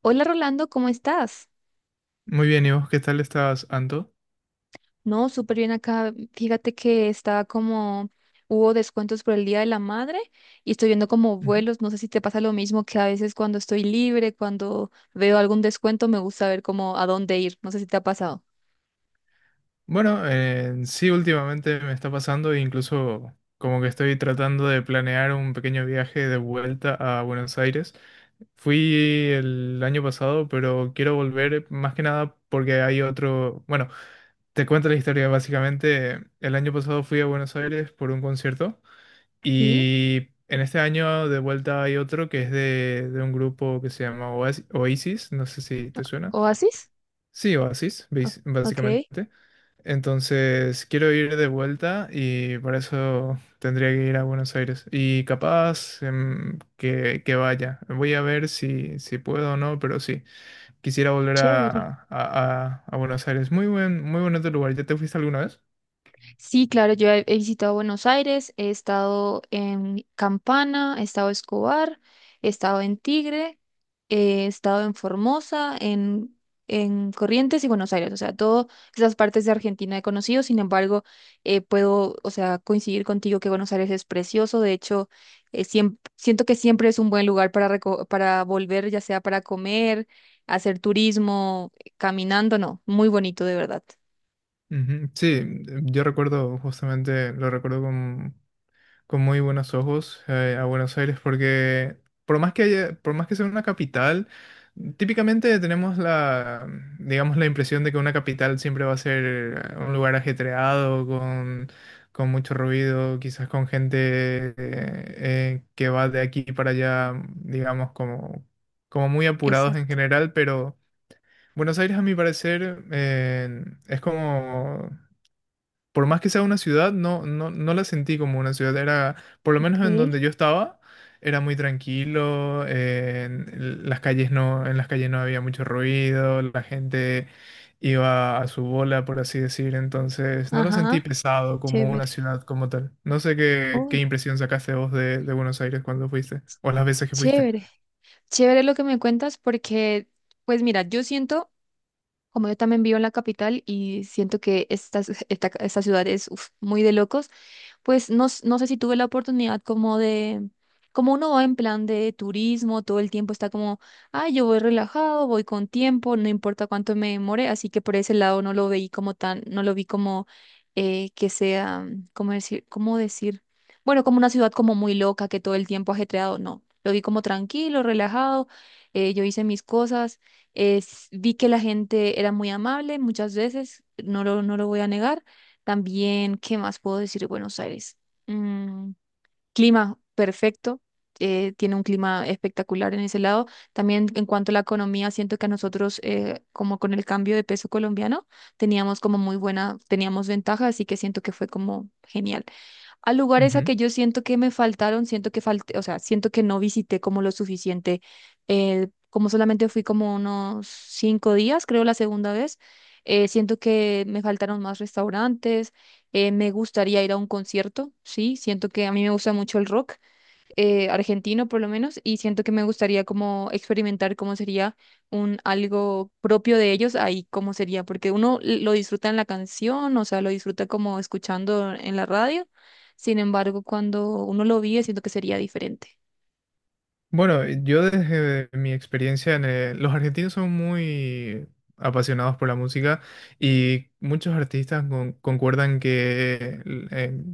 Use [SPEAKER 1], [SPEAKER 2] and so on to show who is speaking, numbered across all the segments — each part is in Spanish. [SPEAKER 1] Hola Rolando, ¿cómo estás?
[SPEAKER 2] Muy bien, ¿y vos qué tal estás, Anto?
[SPEAKER 1] No, súper bien acá. Fíjate que estaba como, hubo descuentos por el Día de la Madre y estoy viendo como
[SPEAKER 2] Ujú.
[SPEAKER 1] vuelos. No sé si te pasa lo mismo que a veces cuando estoy libre, cuando veo algún descuento, me gusta ver como a dónde ir. No sé si te ha pasado.
[SPEAKER 2] Bueno, sí, últimamente me está pasando, e incluso como que estoy tratando de planear un pequeño viaje de vuelta a Buenos Aires. Fui el año pasado, pero quiero volver más que nada porque hay otro. Bueno, te cuento la historia. Básicamente, el año pasado fui a Buenos Aires por un concierto
[SPEAKER 1] ¿Sí?
[SPEAKER 2] y en este año de vuelta hay otro que es de un grupo que se llama Oasis, no sé si te suena.
[SPEAKER 1] ¿Oasis?
[SPEAKER 2] Sí, Oasis,
[SPEAKER 1] Ah, ok,
[SPEAKER 2] básicamente. Entonces, quiero ir de vuelta y para eso tendría que ir a Buenos Aires. Y capaz que vaya. Voy a ver si puedo o no, pero sí. Quisiera volver
[SPEAKER 1] chévere.
[SPEAKER 2] a Buenos Aires. Muy bonito lugar. ¿Ya te fuiste alguna vez?
[SPEAKER 1] Sí, claro, yo he visitado Buenos Aires, he estado en Campana, he estado en Escobar, he estado en Tigre, he estado en Formosa, en Corrientes y Buenos Aires, o sea, todas esas partes de Argentina he conocido. Sin embargo, puedo, o sea, coincidir contigo que Buenos Aires es precioso. De hecho, siempre siento que siempre es un buen lugar para, para volver, ya sea para comer, hacer turismo, caminando, no, muy bonito de verdad.
[SPEAKER 2] Ujú. Sí, yo recuerdo justamente, lo recuerdo con muy buenos ojos a Buenos Aires porque por más que sea una capital, típicamente tenemos digamos, la impresión de que una capital siempre va a ser un lugar ajetreado, con mucho ruido, quizás con gente que va de aquí para allá, digamos, como muy apurados en
[SPEAKER 1] Exacto,
[SPEAKER 2] general, pero Buenos Aires, a mi parecer, es como, por más que sea una ciudad, no la sentí como una ciudad. Era, por lo menos en
[SPEAKER 1] ok.
[SPEAKER 2] donde yo estaba, era muy tranquilo. En las calles en las calles no había mucho ruido, la gente iba a su bola, por así decir. Entonces, no lo sentí
[SPEAKER 1] Ajá.
[SPEAKER 2] pesado como una
[SPEAKER 1] Chévere.
[SPEAKER 2] ciudad como tal. No sé
[SPEAKER 1] Oh,
[SPEAKER 2] qué impresión sacaste vos de Buenos Aires cuando fuiste, o las veces que fuiste.
[SPEAKER 1] chévere. Chévere lo que me cuentas porque, pues mira, yo siento, como yo también vivo en la capital y siento que esta ciudad es uf, muy de locos. Pues no, no sé si tuve la oportunidad como de, como uno va en plan de turismo, todo el tiempo está como, ah, yo voy relajado, voy con tiempo, no importa cuánto me demore, así que por ese lado no lo veí como tan, no lo vi como que sea, ¿cómo decir? ¿Cómo decir? Bueno, como una ciudad como muy loca, que todo el tiempo ajetreado, no, lo vi como tranquilo, relajado. Yo hice mis cosas, vi que la gente era muy amable muchas veces, no lo voy a negar también. ¿Qué más puedo decir de Buenos Aires? Mm, Clima perfecto, tiene un clima espectacular en ese lado. También en cuanto a la economía, siento que a nosotros, como con el cambio de peso colombiano, teníamos como muy buena, teníamos ventaja, así que siento que fue como genial a lugares a que yo siento que me faltaron, siento que falté, o sea, siento que no visité como lo suficiente. Como solamente fui como unos 5 días, creo, la segunda vez. Siento que me faltaron más restaurantes. Me gustaría ir a un concierto, sí, siento que a mí me gusta mucho el rock, argentino por lo menos, y siento que me gustaría como experimentar cómo sería un algo propio de ellos ahí, cómo sería, porque uno lo disfruta en la canción, o sea, lo disfruta como escuchando en la radio. Sin embargo, cuando uno lo vive, siento que sería diferente.
[SPEAKER 2] Bueno, yo desde mi experiencia en los argentinos son muy apasionados por la música y muchos artistas concuerdan que eh,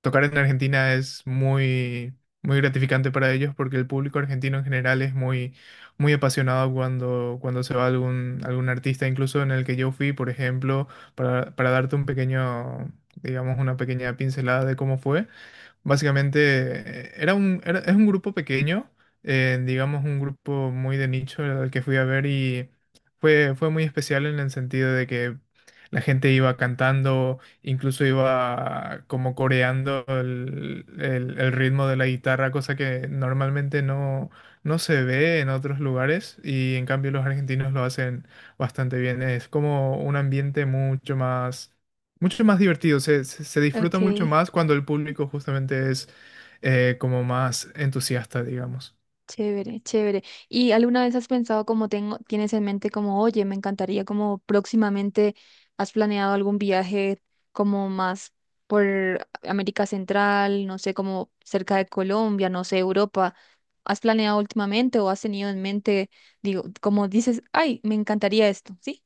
[SPEAKER 2] tocar en Argentina es muy gratificante para ellos porque el público argentino en general es muy apasionado cuando se va algún artista, incluso en el que yo fui, por ejemplo, para darte un pequeño, digamos, una pequeña pincelada de cómo fue. Básicamente, era es un grupo pequeño, digamos un grupo muy de nicho al que fui a ver y fue muy especial en el sentido de que la gente iba cantando, incluso iba como coreando el ritmo de la guitarra, cosa que normalmente no se ve en otros lugares y en cambio los argentinos lo hacen bastante bien. Es como un ambiente mucho más divertido, se disfruta mucho
[SPEAKER 1] Ok.
[SPEAKER 2] más cuando el público justamente es como más entusiasta, digamos.
[SPEAKER 1] Chévere, chévere. ¿Y alguna vez has pensado como tienes en mente como, oye, me encantaría como próximamente has planeado algún viaje como más por América Central, no sé, como cerca de Colombia, no sé, Europa? ¿Has planeado últimamente o has tenido en mente, digo, como dices, ay, me encantaría esto, sí?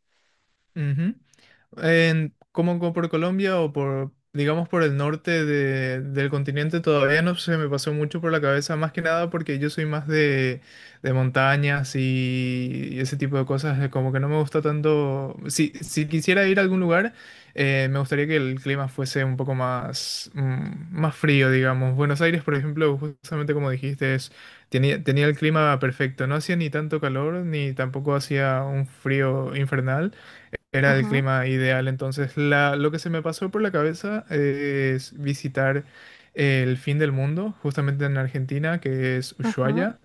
[SPEAKER 2] En, como, como por Colombia o por, digamos, por el norte del continente todavía no se me pasó mucho por la cabeza, más que nada porque yo soy más de montañas y ese tipo de cosas, como que no me gusta tanto. Si quisiera ir a algún lugar, me gustaría que el clima fuese un poco más, más frío, digamos. Buenos Aires, por ejemplo, justamente como dijiste, es, tenía el clima perfecto, no hacía ni tanto calor ni tampoco hacía un frío infernal. Era el
[SPEAKER 1] Ajá,
[SPEAKER 2] clima ideal, entonces lo que se me pasó por la cabeza es visitar el fin del mundo, justamente en Argentina, que es
[SPEAKER 1] ajá,
[SPEAKER 2] Ushuaia.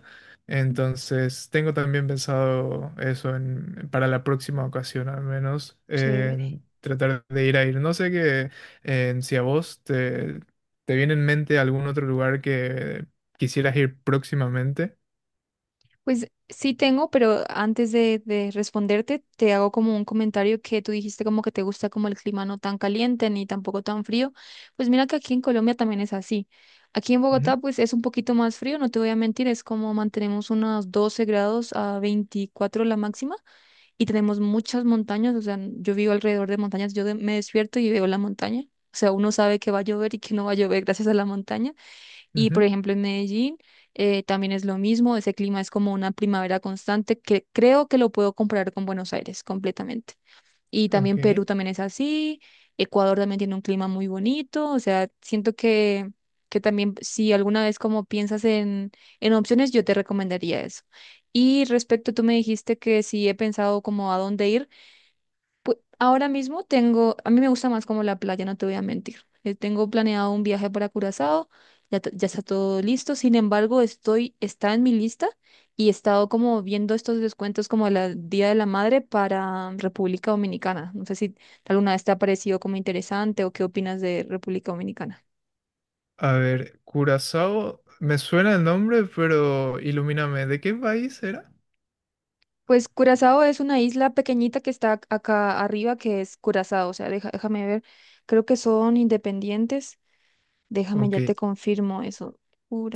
[SPEAKER 2] Entonces tengo también pensado eso para la próxima ocasión, al menos,
[SPEAKER 1] chévere.
[SPEAKER 2] en tratar de ir. No sé que, en si a vos te viene en mente algún otro lugar que quisieras ir próximamente.
[SPEAKER 1] Pues sí tengo, pero antes de responderte, te hago como un comentario que tú dijiste como que te gusta como el clima no tan caliente ni tampoco tan frío. Pues mira que aquí en Colombia también es así. Aquí en Bogotá pues es un poquito más frío, no te voy a mentir, es como mantenemos unos 12 grados a 24 la máxima y tenemos muchas montañas, o sea, yo vivo alrededor de montañas, yo me despierto y veo la montaña. O sea, uno sabe que va a llover y que no va a llover gracias a la montaña.
[SPEAKER 2] Ujú,
[SPEAKER 1] Y por
[SPEAKER 2] ujú.
[SPEAKER 1] ejemplo, en Medellín también es lo mismo, ese clima es como una primavera constante que creo que lo puedo comparar con Buenos Aires completamente. Y
[SPEAKER 2] Ok.
[SPEAKER 1] también Perú también es así, Ecuador también tiene un clima muy bonito, o sea, siento que también si alguna vez como piensas en opciones, yo te recomendaría eso. Y respecto, tú me dijiste que si he pensado como a dónde ir. Pues ahora mismo tengo, a mí me gusta más como la playa, no te voy a mentir. Tengo planeado un viaje para Curazao, ya, ya está todo listo. Sin embargo, está en mi lista y he estado como viendo estos descuentos como el Día de la Madre para República Dominicana. No sé si alguna vez te ha parecido como interesante o qué opinas de República Dominicana.
[SPEAKER 2] A ver, Curazao, me suena el nombre, pero ilumíname, ¿de qué país era?
[SPEAKER 1] Pues Curazao es una isla pequeñita que está acá arriba, que es Curazao. O sea, déjame ver, creo que son independientes. Déjame, ya te
[SPEAKER 2] Ok.
[SPEAKER 1] confirmo eso.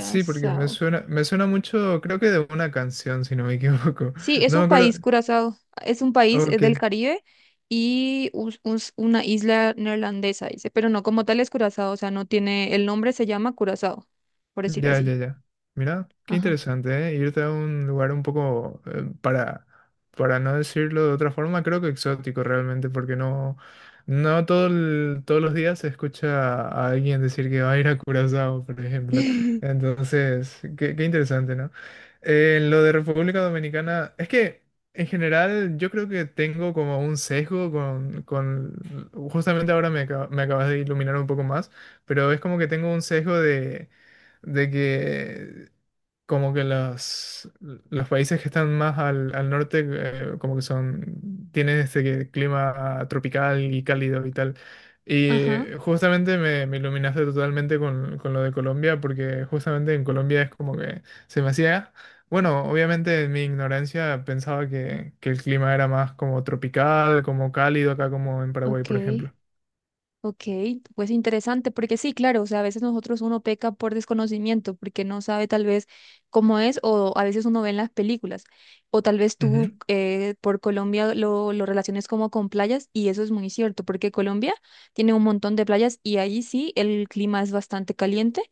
[SPEAKER 2] Sí, porque me suena mucho, creo que de una canción, si no me equivoco.
[SPEAKER 1] Sí, es
[SPEAKER 2] No me
[SPEAKER 1] un
[SPEAKER 2] acuerdo.
[SPEAKER 1] país, Curazao. Es un país, es
[SPEAKER 2] Ok.
[SPEAKER 1] del Caribe y una isla neerlandesa, dice, pero no como tal es Curazao, o sea, no tiene, el nombre se llama Curazao, por decir
[SPEAKER 2] Ya, ya,
[SPEAKER 1] así.
[SPEAKER 2] ya. Mira, qué
[SPEAKER 1] Ajá.
[SPEAKER 2] interesante, ¿eh? Irte a un lugar un poco, para no decirlo de otra forma, creo que exótico realmente, porque no, no todo todos los días se escucha a alguien decir que va a ir a Curazao, por ejemplo. Entonces, qué interesante, ¿no? En lo de República Dominicana, es que en general yo creo que tengo como un sesgo con justamente ahora me acabas de iluminar un poco más, pero es como que tengo un sesgo de que como que los países que están más al norte como que son, tienen este clima tropical y cálido y tal. Y
[SPEAKER 1] Ajá,
[SPEAKER 2] justamente me iluminaste totalmente con lo de Colombia, porque justamente en Colombia es como que se me hacía, bueno, obviamente en mi ignorancia pensaba que el clima era más como tropical, como cálido acá como en Paraguay,
[SPEAKER 1] ok.
[SPEAKER 2] por ejemplo.
[SPEAKER 1] Ok, pues interesante, porque sí, claro, o sea, a veces nosotros uno peca por desconocimiento, porque no sabe tal vez cómo es, o a veces uno ve en las películas, o tal vez tú
[SPEAKER 2] Ujú,
[SPEAKER 1] por Colombia lo relaciones como con playas, y eso es muy cierto, porque Colombia tiene un montón de playas y allí sí el clima es bastante caliente,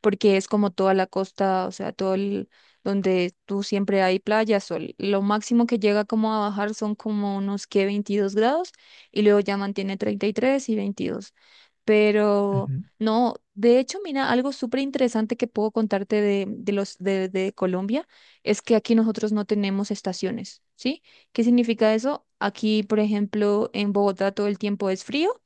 [SPEAKER 1] porque es como toda la costa, o sea, todo el, donde tú siempre hay playas, sol. Lo máximo que llega como a bajar son como unos que 22 grados y luego ya mantiene 33 y 22. Pero
[SPEAKER 2] ujú.
[SPEAKER 1] no, de hecho, mira, algo súper interesante que puedo contarte de los de Colombia es que aquí nosotros no tenemos estaciones, ¿sí? ¿Qué significa eso? Aquí, por ejemplo, en Bogotá todo el tiempo es frío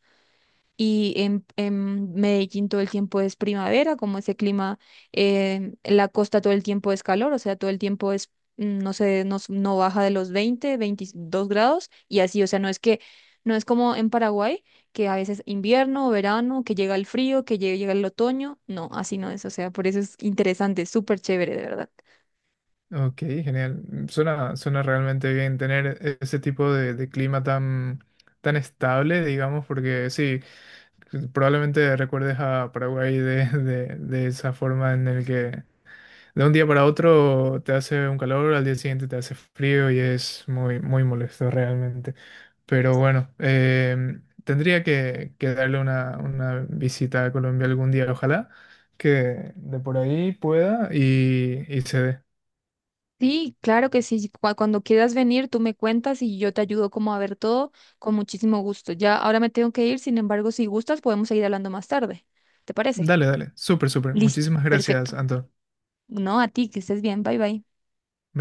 [SPEAKER 1] y en Medellín todo el tiempo es primavera, como ese clima. La costa todo el tiempo es calor, o sea, todo el tiempo es, no sé, no baja de los 20 22 grados y así, o sea, no es que, no es como en Paraguay, que a veces invierno, verano, que llega el frío, que llega, el otoño, no, así no es, o sea, por eso es interesante, súper chévere, de verdad.
[SPEAKER 2] Ok, genial. Suena realmente bien tener ese tipo de clima tan estable, digamos, porque sí, probablemente recuerdes a Paraguay de, de esa forma en el que de un día para otro te hace un calor, al día siguiente te hace frío y es muy, muy molesto realmente. Pero bueno, tendría que darle una visita a Colombia algún día, ojalá que de por ahí pueda y se dé.
[SPEAKER 1] Sí, claro que sí. Cuando quieras venir, tú me cuentas y yo te ayudo como a ver todo con muchísimo gusto. Ya ahora me tengo que ir. Sin embargo, si gustas, podemos seguir hablando más tarde. ¿Te parece?
[SPEAKER 2] Dale, dale. Súper, súper.
[SPEAKER 1] Listo,
[SPEAKER 2] Muchísimas
[SPEAKER 1] perfecto.
[SPEAKER 2] gracias, Anton. Me
[SPEAKER 1] No, a ti, que estés bien. Bye bye.